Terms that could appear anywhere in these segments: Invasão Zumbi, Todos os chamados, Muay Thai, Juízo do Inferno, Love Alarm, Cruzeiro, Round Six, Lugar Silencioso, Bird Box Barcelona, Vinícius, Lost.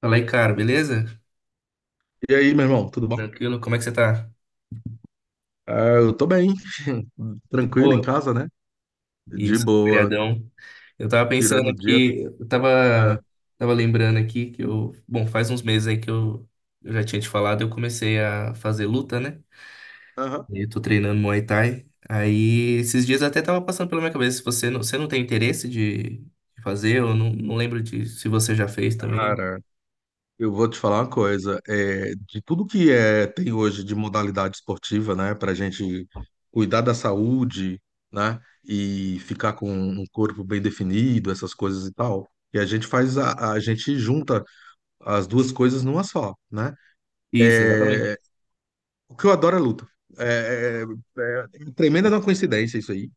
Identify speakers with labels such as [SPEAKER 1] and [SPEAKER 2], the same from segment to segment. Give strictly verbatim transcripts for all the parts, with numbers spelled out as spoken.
[SPEAKER 1] Fala aí, cara, beleza?
[SPEAKER 2] E aí, meu irmão, tudo bom?
[SPEAKER 1] Tranquilo? Como é que você tá?
[SPEAKER 2] Ah, eu tô bem,
[SPEAKER 1] De
[SPEAKER 2] tranquilo em
[SPEAKER 1] boa?
[SPEAKER 2] casa, né? De
[SPEAKER 1] Isso,
[SPEAKER 2] boa,
[SPEAKER 1] feriadão. Eu tava pensando
[SPEAKER 2] tirando o dia.
[SPEAKER 1] aqui, eu tava,
[SPEAKER 2] É.
[SPEAKER 1] tava lembrando aqui que eu, bom, faz uns meses aí que eu, eu já tinha te falado, eu comecei a fazer luta, né?
[SPEAKER 2] Aham.
[SPEAKER 1] E eu tô treinando Muay Thai. Aí, esses dias até tava passando pela minha cabeça, se você não, você não tem interesse de de fazer, eu não, não lembro de se você já fez também.
[SPEAKER 2] Cara, eu vou te falar uma coisa. É, de tudo que é, tem hoje de modalidade esportiva, né? Pra gente cuidar da saúde, né? E ficar com um corpo bem definido, essas coisas e tal. E a gente faz a, a gente junta as duas coisas numa só, né?
[SPEAKER 1] Isso, exatamente.
[SPEAKER 2] É, o que eu adoro é luta. É, é, é tremenda uma coincidência isso aí.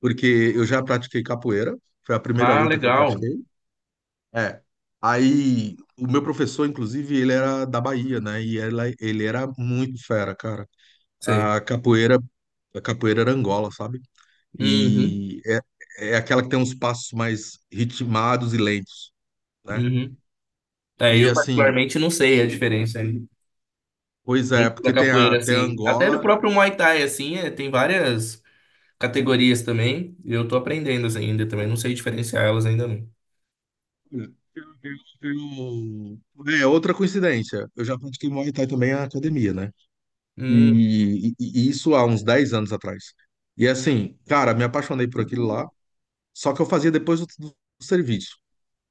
[SPEAKER 2] porque eu já pratiquei capoeira, foi a primeira
[SPEAKER 1] Ah,
[SPEAKER 2] luta que eu
[SPEAKER 1] legal.
[SPEAKER 2] pratiquei. É. Aí, o meu professor, inclusive, ele era da Bahia, né? E ela, ele era muito fera, cara.
[SPEAKER 1] Sei.
[SPEAKER 2] A capoeira, a capoeira era Angola, sabe?
[SPEAKER 1] Uhum,
[SPEAKER 2] E é, é aquela que tem uns passos mais ritmados e lentos, né?
[SPEAKER 1] uhum. Aí
[SPEAKER 2] E
[SPEAKER 1] eu
[SPEAKER 2] assim,
[SPEAKER 1] particularmente não sei a diferença.
[SPEAKER 2] pois é,
[SPEAKER 1] Dentro da
[SPEAKER 2] porque tem a,
[SPEAKER 1] capoeira,
[SPEAKER 2] tem a
[SPEAKER 1] assim. Até no
[SPEAKER 2] Angola.
[SPEAKER 1] próprio Muay Thai, assim, é, tem várias categorias também. E eu tô aprendendo assim, ainda também. Não sei diferenciar elas ainda não.
[SPEAKER 2] Eu- eu- eu- É outra coincidência. Eu já pratiquei Muay Thai também na academia, né?
[SPEAKER 1] Hum,
[SPEAKER 2] E, e- e isso há uns dez anos atrás. E assim, cara, me apaixonei por aquilo lá, só que eu fazia depois do, do serviço.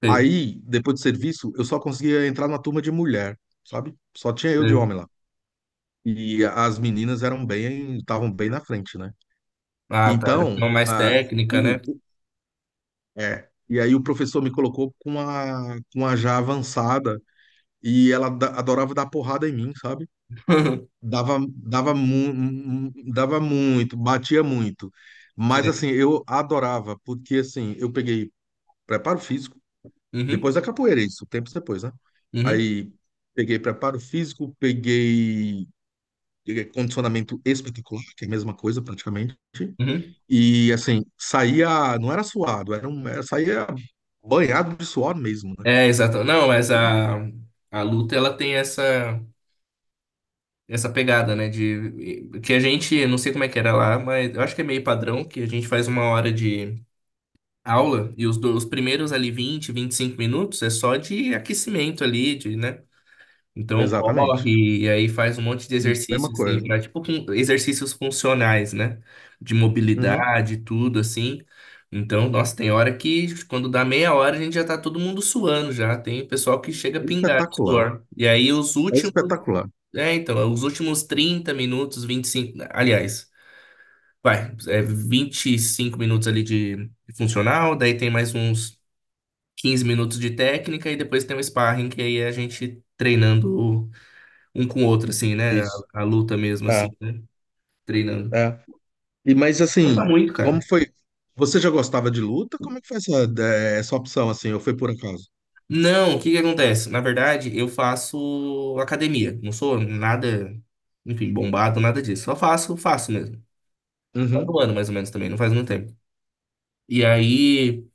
[SPEAKER 1] sei,
[SPEAKER 2] Aí, depois do serviço, eu só conseguia entrar na turma de mulher, sabe? Só tinha eu de
[SPEAKER 1] sei.
[SPEAKER 2] homem lá. E as meninas eram bem, estavam bem na frente, né?
[SPEAKER 1] Ah, tá. Já
[SPEAKER 2] Então,
[SPEAKER 1] tem uma mais
[SPEAKER 2] ah,
[SPEAKER 1] técnica,
[SPEAKER 2] o,
[SPEAKER 1] né?
[SPEAKER 2] o- é. E aí o professor me colocou com uma, com uma já avançada e ela da- adorava dar porrada em mim, sabe? Dava, dava, mu dava muito, batia muito. Mas
[SPEAKER 1] Sei.
[SPEAKER 2] assim, eu adorava, porque assim, eu peguei preparo físico,
[SPEAKER 1] Uhum,
[SPEAKER 2] depois da capoeira, isso, tempos depois, né?
[SPEAKER 1] uhum,
[SPEAKER 2] Aí peguei preparo físico, peguei eh, condicionamento espetacular, que é a mesma coisa praticamente.
[SPEAKER 1] uhum.
[SPEAKER 2] E assim, saía, não era suado, era um, era- saía banhado de suor mesmo, né?
[SPEAKER 1] É, exato. Não, mas a, a luta, ela tem essa, essa pegada, né? De, que a gente, não sei como é que era lá, mas eu acho que é meio padrão, que a gente faz uma hora de aula e os, do- os primeiros ali vinte vinte e cinco minutos é só de aquecimento ali, de, né? Então
[SPEAKER 2] Exatamente.
[SPEAKER 1] corre e aí faz um monte de
[SPEAKER 2] Mesma
[SPEAKER 1] exercício assim,
[SPEAKER 2] coisa.
[SPEAKER 1] pra, tipo com- exercícios funcionais, né? De
[SPEAKER 2] Uhum.
[SPEAKER 1] mobilidade, tudo assim. Então, nossa, tem hora que quando dá meia hora a gente já tá todo mundo suando já. Tem pessoal que chega a
[SPEAKER 2] É
[SPEAKER 1] pingar de
[SPEAKER 2] espetacular.
[SPEAKER 1] suor. E aí os
[SPEAKER 2] É
[SPEAKER 1] últimos,
[SPEAKER 2] espetacular.
[SPEAKER 1] é, então, os últimos trinta minutos, vinte e cinco aliás, vai, é vinte e cinco minutos ali de funcional, daí tem mais uns quinze minutos de técnica e depois tem um sparring, que aí é a gente treinando um com o outro, assim, né? A,
[SPEAKER 2] Isso.
[SPEAKER 1] a luta mesmo,
[SPEAKER 2] É,
[SPEAKER 1] assim, né? Treinando.
[SPEAKER 2] é. E mas
[SPEAKER 1] Conta
[SPEAKER 2] assim,
[SPEAKER 1] muito,
[SPEAKER 2] como
[SPEAKER 1] cara.
[SPEAKER 2] foi? Você já gostava de luta? Como é que foi essa, eh, essa opção assim? Ou foi por acaso?
[SPEAKER 1] Não, o que que acontece? Na verdade, eu faço academia. Não sou nada, enfim, bombado, nada disso. Só faço, faço mesmo. Faz um
[SPEAKER 2] Uhum.
[SPEAKER 1] ano, mais ou menos, também. Não faz muito tempo. E aí...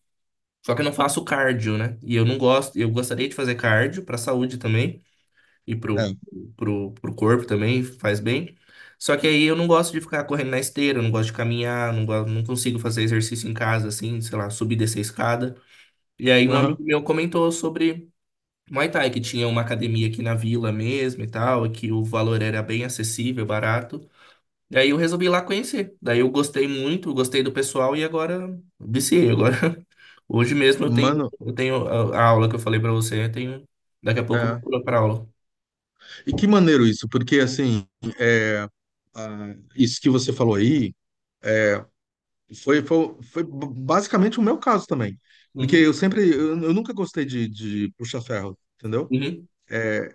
[SPEAKER 1] Só que eu não faço cardio, né? E eu não gosto... Eu gostaria de fazer cardio pra saúde também. E pro,
[SPEAKER 2] É.
[SPEAKER 1] pro, pro corpo também faz bem. Só que aí eu não gosto de ficar correndo na esteira, eu não gosto de caminhar, não gosto, não consigo fazer exercício em casa, assim, sei lá, subir e descer a escada. E aí um
[SPEAKER 2] Aham.
[SPEAKER 1] amigo meu comentou sobre Muay Thai, que tinha uma academia aqui na vila mesmo e tal, e que o valor era bem acessível, barato. Daí eu resolvi ir lá conhecer. Daí eu gostei muito, gostei do pessoal e agora viciei. Agora, hoje mesmo eu tenho,
[SPEAKER 2] Mano,
[SPEAKER 1] eu tenho a a aula que eu falei pra você, eu tenho, daqui a pouco eu vou
[SPEAKER 2] é.
[SPEAKER 1] pular pra aula.
[SPEAKER 2] E que maneiro isso, porque assim, ah, isso que você falou aí foi, foi, foi b- basicamente o meu caso também. Porque
[SPEAKER 1] Uhum,
[SPEAKER 2] eu sempre, eu, eu nunca gostei de, de puxa-ferro, entendeu?
[SPEAKER 1] uhum.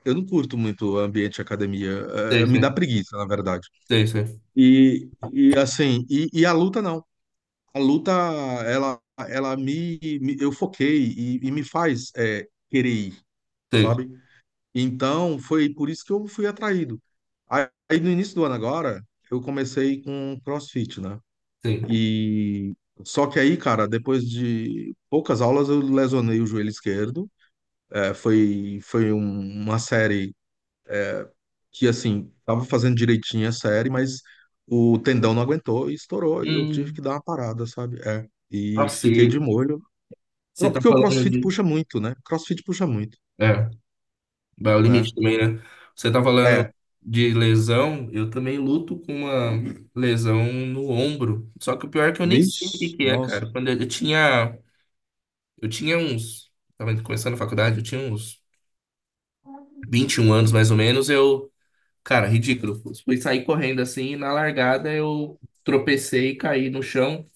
[SPEAKER 2] Eu não curto muito o ambiente de academia,
[SPEAKER 1] Sei,
[SPEAKER 2] eh, me
[SPEAKER 1] sei,
[SPEAKER 2] dá preguiça, na verdade.
[SPEAKER 1] sei, sei,
[SPEAKER 2] E, e assim, e, e a luta não. A luta, ela, ela me, me- eu foquei e, e me faz é, querer ir,
[SPEAKER 1] sei,
[SPEAKER 2] sabe? Então, foi por isso que eu fui atraído. Aí, aí, no início do ano agora, eu comecei com CrossFit, né?
[SPEAKER 1] sei.
[SPEAKER 2] E só que aí, cara, depois de poucas aulas, eu lesionei o joelho esquerdo. É, foi, foi um- uma série que, assim, tava fazendo direitinho a série, mas o tendão não aguentou e estourou, e eu tive que
[SPEAKER 1] Hum,
[SPEAKER 2] dar uma parada, sabe? É.
[SPEAKER 1] ah,
[SPEAKER 2] E fiquei
[SPEAKER 1] sei.
[SPEAKER 2] de molho.
[SPEAKER 1] Você
[SPEAKER 2] Cro-
[SPEAKER 1] tá
[SPEAKER 2] Porque o
[SPEAKER 1] falando
[SPEAKER 2] CrossFit
[SPEAKER 1] de.
[SPEAKER 2] puxa muito, né? CrossFit puxa muito,
[SPEAKER 1] É, vai ao limite
[SPEAKER 2] né?
[SPEAKER 1] também, né? Você tá falando
[SPEAKER 2] É.
[SPEAKER 1] de lesão, eu também luto com uma lesão no ombro. Só que o pior é que eu nem sei o que
[SPEAKER 2] Vixe,
[SPEAKER 1] que é,
[SPEAKER 2] nossa.
[SPEAKER 1] cara. Quando eu, eu tinha. Eu tinha uns. Tava começando a faculdade, eu tinha uns vinte e um anos mais ou menos. Eu. Cara, ridículo. Fui sair correndo assim, e na largada eu tropecei e caí no chão.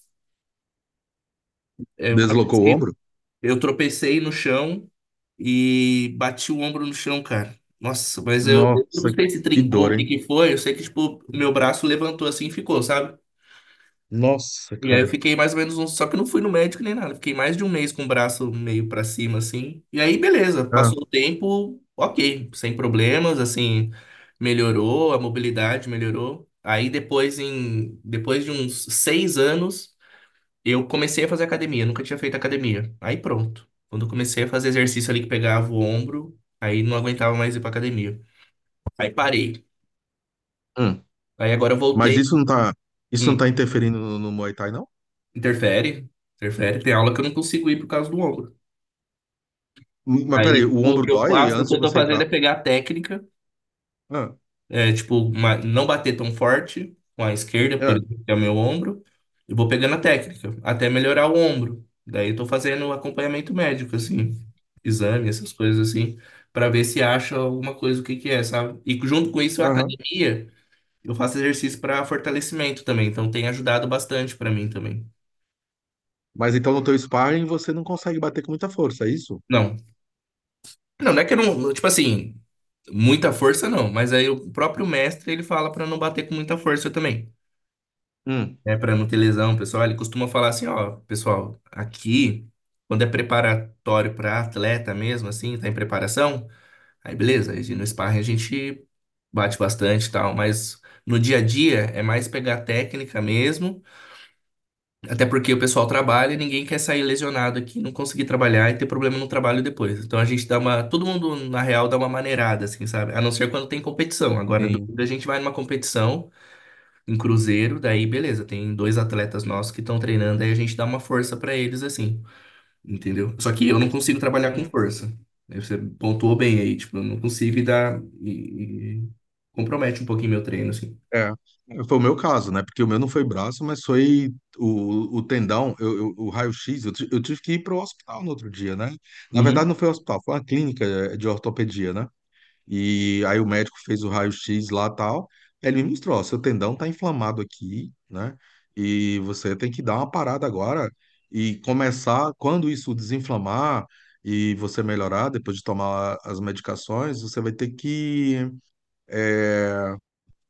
[SPEAKER 1] Eu
[SPEAKER 2] Deslocou o
[SPEAKER 1] tropecei
[SPEAKER 2] ombro?
[SPEAKER 1] Eu tropecei no chão e bati o ombro no chão, cara. Nossa, mas eu, eu não
[SPEAKER 2] Nossa,
[SPEAKER 1] sei se
[SPEAKER 2] que
[SPEAKER 1] trincou,
[SPEAKER 2] dor,
[SPEAKER 1] o que
[SPEAKER 2] hein?
[SPEAKER 1] que foi. Eu sei que, tipo, meu braço levantou assim e ficou, sabe?
[SPEAKER 2] Nossa,
[SPEAKER 1] E aí eu
[SPEAKER 2] cara.
[SPEAKER 1] fiquei mais ou menos um. Só que eu não fui no médico nem nada. Fiquei mais de um mês com o braço meio pra cima, assim. E aí, beleza.
[SPEAKER 2] Ah,
[SPEAKER 1] Passou o tempo, ok. Sem problemas, assim. Melhorou, a mobilidade melhorou. Aí depois, em, depois de uns seis anos. Eu comecei a fazer academia, nunca tinha feito academia. Aí pronto. Quando eu comecei a fazer exercício ali que pegava o ombro, aí não aguentava mais ir pra academia. Aí parei.
[SPEAKER 2] hum.
[SPEAKER 1] Aí agora eu
[SPEAKER 2] Mas
[SPEAKER 1] voltei.
[SPEAKER 2] isso não tá, isso não
[SPEAKER 1] Hum,
[SPEAKER 2] tá interferindo no, no Muay Thai, não?
[SPEAKER 1] interfere, interfere. Tem aula que eu não consigo ir por causa do ombro.
[SPEAKER 2] Hum, Mas
[SPEAKER 1] Aí
[SPEAKER 2] peraí, o
[SPEAKER 1] tipo, o
[SPEAKER 2] ombro
[SPEAKER 1] que eu
[SPEAKER 2] dói
[SPEAKER 1] faço, o
[SPEAKER 2] antes
[SPEAKER 1] que
[SPEAKER 2] de
[SPEAKER 1] eu tô
[SPEAKER 2] você ir
[SPEAKER 1] fazendo
[SPEAKER 2] pra.
[SPEAKER 1] é pegar a técnica.
[SPEAKER 2] Ah,
[SPEAKER 1] É, tipo, uma, não bater tão forte com a esquerda, por
[SPEAKER 2] é,
[SPEAKER 1] exemplo, que é o meu ombro. Eu vou pegando a técnica, até melhorar o ombro. Daí eu tô fazendo acompanhamento médico, assim, exame, essas coisas assim, pra ver se acha alguma coisa, o que que é, sabe? E junto com isso, a
[SPEAKER 2] aham.
[SPEAKER 1] academia, eu faço exercício pra fortalecimento também, então tem ajudado bastante pra mim também.
[SPEAKER 2] Mas então no teu sparring você não consegue bater com muita força, é isso?
[SPEAKER 1] Não, não, não é que eu não, tipo assim, muita força não, mas aí o próprio mestre, ele fala pra não bater com muita força também.
[SPEAKER 2] Hum.
[SPEAKER 1] Né, para não ter lesão, pessoal, ele costuma falar assim, ó, pessoal, aqui, quando é preparatório para atleta mesmo, assim, tá em preparação, aí beleza, aí no sparring a gente bate bastante e tal, mas no dia a dia é mais pegar técnica mesmo, até porque o pessoal trabalha e ninguém quer sair lesionado aqui, não conseguir trabalhar e ter problema no trabalho depois. Então a gente dá uma, todo mundo na real dá uma maneirada, assim, sabe? A não ser quando tem competição. Agora, do-
[SPEAKER 2] Sim.
[SPEAKER 1] a gente vai numa competição, em Cruzeiro, daí beleza, tem dois atletas nossos que estão treinando, aí a gente dá uma força pra eles assim, entendeu? Só que eu não consigo trabalhar com força. Aí você pontuou bem aí, tipo, eu não consigo e dá e, e compromete um pouquinho meu treino assim.
[SPEAKER 2] É, foi o meu caso, né? Porque o meu não foi braço, mas foi o, o tendão, eu, eu- o raio-x. Eu, ti- eu tive que ir para o hospital no outro dia, né? Na
[SPEAKER 1] Uhum,
[SPEAKER 2] verdade, não foi o hospital, foi uma clínica eh, de ortopedia, né? E aí o médico fez o raio-x lá e tal. Ele me mostrou: ó, seu tendão tá inflamado aqui, né? E você tem que dar uma parada agora e começar. Quando isso desinflamar e você melhorar, depois de tomar as medicações, você vai ter que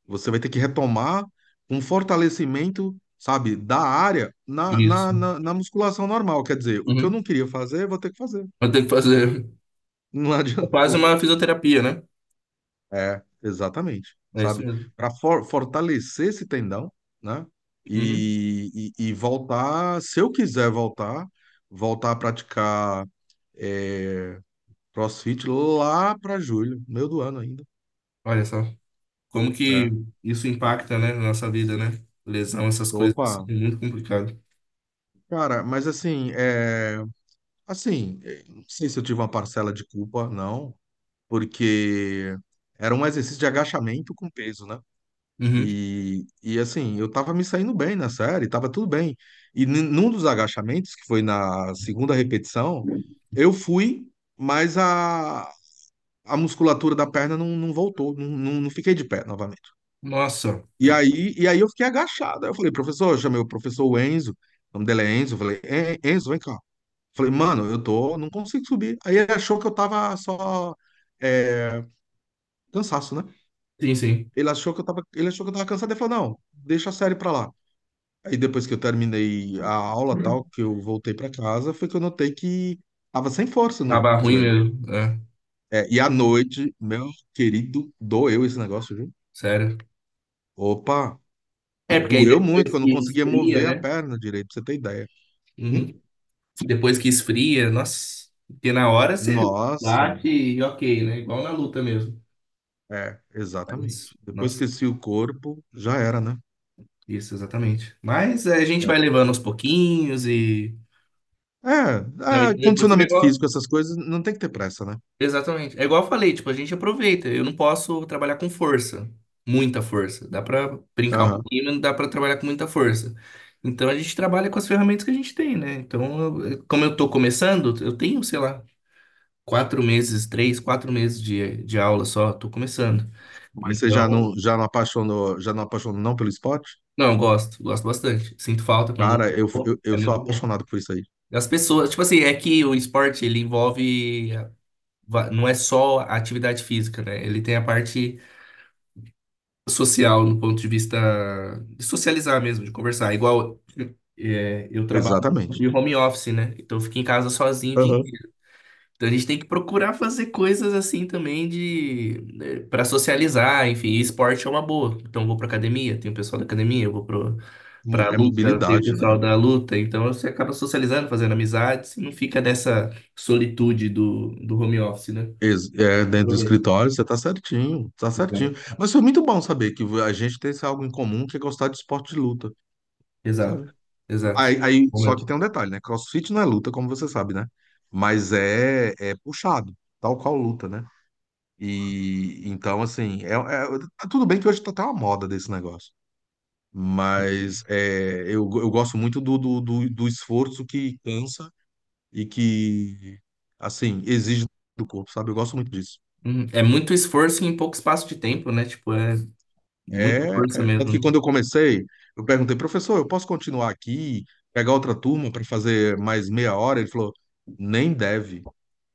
[SPEAKER 2] você vai ter que retomar um fortalecimento, sabe, da área na, na,
[SPEAKER 1] isso.
[SPEAKER 2] na, na musculação normal. Quer dizer, o que eu não
[SPEAKER 1] Uhum.
[SPEAKER 2] queria fazer, eu vou ter que fazer.
[SPEAKER 1] Eu tenho que fazer
[SPEAKER 2] Não
[SPEAKER 1] é quase
[SPEAKER 2] adiantou.
[SPEAKER 1] uma fisioterapia, né?
[SPEAKER 2] É, exatamente.
[SPEAKER 1] É isso
[SPEAKER 2] Sabe?
[SPEAKER 1] mesmo.
[SPEAKER 2] Para fortalecer esse tendão, né?
[SPEAKER 1] Uhum.
[SPEAKER 2] E, e, e voltar, se eu quiser voltar, voltar a praticar é, CrossFit lá para julho, meio do ano ainda.
[SPEAKER 1] Olha só, como que
[SPEAKER 2] Né?
[SPEAKER 1] isso impacta, né, na nossa vida, né? Lesão, essas coisas assim,
[SPEAKER 2] Opa,
[SPEAKER 1] é muito complicado.
[SPEAKER 2] cara, mas assim, é. Assim, eh, não sei se eu tive uma parcela de culpa, não, porque era um exercício de agachamento com peso, né?
[SPEAKER 1] Uhum.
[SPEAKER 2] E, e assim, eu tava me saindo bem na série, tava tudo bem. E n- num dos agachamentos, que foi na segunda repetição, eu fui, mas a, a musculatura da perna não, não voltou, não, não, não fiquei de pé novamente.
[SPEAKER 1] Nossa,
[SPEAKER 2] E aí, e aí eu fiquei agachado. Aí eu falei, professor, eu chamei o professor Enzo, o nome dele é Enzo, eu falei, "En- Enzo, vem cá. Falei, mano, eu tô, não consigo subir. Aí ele achou que eu tava só é, cansaço, né?
[SPEAKER 1] sim, sim.
[SPEAKER 2] Ele achou que eu tava, ele achou que eu tava cansado e falou, não, deixa a série pra lá. Aí depois que eu terminei a aula tal, que eu voltei pra casa, foi que eu notei que tava sem força no
[SPEAKER 1] Tava ruim
[SPEAKER 2] joelho.
[SPEAKER 1] mesmo. É.
[SPEAKER 2] É, e à noite, meu querido, doeu esse negócio, viu?
[SPEAKER 1] Sério?
[SPEAKER 2] Opa,
[SPEAKER 1] É, porque aí
[SPEAKER 2] doeu muito, que
[SPEAKER 1] depois
[SPEAKER 2] eu
[SPEAKER 1] que
[SPEAKER 2] não conseguia
[SPEAKER 1] esfria,
[SPEAKER 2] mover a
[SPEAKER 1] né?
[SPEAKER 2] perna direito, pra você ter ideia. Hum?
[SPEAKER 1] Uhum. Depois que esfria, nossa. Porque na hora você
[SPEAKER 2] Nossa,
[SPEAKER 1] bate e ok, né? Igual na luta mesmo.
[SPEAKER 2] é, exatamente.
[SPEAKER 1] Mas,
[SPEAKER 2] Depois
[SPEAKER 1] nossa,
[SPEAKER 2] que esqueci o corpo, já era, né?
[SPEAKER 1] isso, exatamente. Mas é, a gente vai levando aos pouquinhos e. Na
[SPEAKER 2] É, é,
[SPEAKER 1] medida que você
[SPEAKER 2] condicionamento
[SPEAKER 1] igual.
[SPEAKER 2] físico, essas coisas, não tem que ter pressa, né?
[SPEAKER 1] Exatamente. É igual eu falei, tipo, a gente aproveita. Eu não posso trabalhar com força. Muita força. Dá pra brincar um
[SPEAKER 2] Aham.
[SPEAKER 1] pouquinho, mas não dá pra trabalhar com muita força. Então a gente trabalha com as ferramentas que a gente tem, né? Então, eu, como eu tô começando, eu tenho, sei lá, quatro meses, três, quatro meses de, de aula só, tô começando.
[SPEAKER 2] Mas você
[SPEAKER 1] Então,
[SPEAKER 2] já não, já não apaixonou, já não apaixonou não pelo esporte?
[SPEAKER 1] não, gosto, gosto bastante. Sinto falta quando
[SPEAKER 2] Cara,
[SPEAKER 1] não
[SPEAKER 2] eu, eu,
[SPEAKER 1] vou, é
[SPEAKER 2] eu sou
[SPEAKER 1] muito bom.
[SPEAKER 2] apaixonado por isso aí.
[SPEAKER 1] As pessoas, tipo assim, é que o esporte, ele envolve, va- não é só a atividade física, né? Ele tem a parte social, no ponto de vista de socializar mesmo, de conversar. Igual, é, eu trabalho
[SPEAKER 2] Exatamente.
[SPEAKER 1] de home office, né? Então, eu fico em casa sozinho o dia.
[SPEAKER 2] Aham.
[SPEAKER 1] Então a gente tem que procurar fazer coisas assim também de para socializar, enfim, e esporte é uma boa. Então eu vou para academia, tem o pessoal da academia, eu vou pro, para
[SPEAKER 2] É
[SPEAKER 1] luta, tem o
[SPEAKER 2] mobilidade, né?
[SPEAKER 1] pessoal da luta, então você acaba socializando, fazendo amizades, e não fica dessa solitude do, do home office, né?
[SPEAKER 2] Ex- É, dentro do
[SPEAKER 1] Aproveita.
[SPEAKER 2] escritório, você tá certinho, tá certinho. Mas foi muito bom saber que a gente tem esse algo em comum que é gostar de esporte de luta, sabe?
[SPEAKER 1] Exato. Exato.
[SPEAKER 2] Aí, aí,
[SPEAKER 1] Bom
[SPEAKER 2] só que
[SPEAKER 1] mesmo.
[SPEAKER 2] tem um detalhe, né? CrossFit não é luta, como você sabe, né? Mas é, é puxado, tal qual luta, né? E então, assim, é, é- tá tudo bem que hoje tá até uma moda desse negócio, mas é, eu, eu gosto muito do, do, do, do esforço que cansa e que, assim, exige do corpo, sabe? Eu gosto muito disso.
[SPEAKER 1] Uhum. É muito esforço em pouco espaço de tempo, né? Tipo, é muita
[SPEAKER 2] É,
[SPEAKER 1] força
[SPEAKER 2] é, tanto
[SPEAKER 1] mesmo,
[SPEAKER 2] que
[SPEAKER 1] né?
[SPEAKER 2] quando eu comecei, eu perguntei, professor, eu posso continuar aqui, pegar outra turma para fazer mais meia hora? Ele falou, nem deve,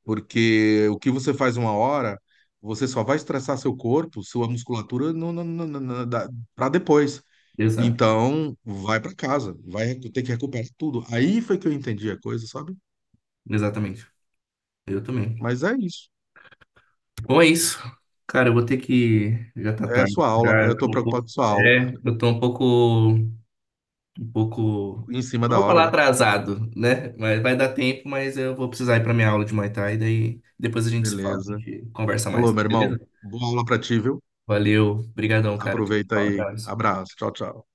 [SPEAKER 2] porque o que você faz uma hora, você só vai estressar seu corpo, sua musculatura, no, no, no, no, para depois.
[SPEAKER 1] Exato.
[SPEAKER 2] Então, vai para casa, vai ter que recuperar tudo. Aí foi que eu entendi a coisa, sabe?
[SPEAKER 1] Exatamente. Eu também.
[SPEAKER 2] Mas é isso.
[SPEAKER 1] Bom, é isso. Cara, eu vou ter que. Já tá
[SPEAKER 2] É a
[SPEAKER 1] tarde.
[SPEAKER 2] sua aula.
[SPEAKER 1] Já, eu
[SPEAKER 2] Eu tô
[SPEAKER 1] tô um
[SPEAKER 2] preocupado com
[SPEAKER 1] pouco-
[SPEAKER 2] a sua aula.
[SPEAKER 1] é, eu tô um pouco. Um pouco.
[SPEAKER 2] Em cima
[SPEAKER 1] Não
[SPEAKER 2] da
[SPEAKER 1] vou
[SPEAKER 2] hora,
[SPEAKER 1] falar
[SPEAKER 2] né?
[SPEAKER 1] atrasado, né? Mas vai dar tempo, mas eu vou precisar ir pra minha aula de Muay Thai, daí depois a gente se fala, a
[SPEAKER 2] Beleza.
[SPEAKER 1] gente conversa
[SPEAKER 2] Alô,
[SPEAKER 1] mais,
[SPEAKER 2] meu
[SPEAKER 1] beleza?
[SPEAKER 2] irmão. Boa aula pra ti, viu?
[SPEAKER 1] Valeu, brigadão, cara. Tchau,
[SPEAKER 2] Aproveita
[SPEAKER 1] tchau,
[SPEAKER 2] aí.
[SPEAKER 1] abraço.
[SPEAKER 2] Abraço. Tchau, tchau.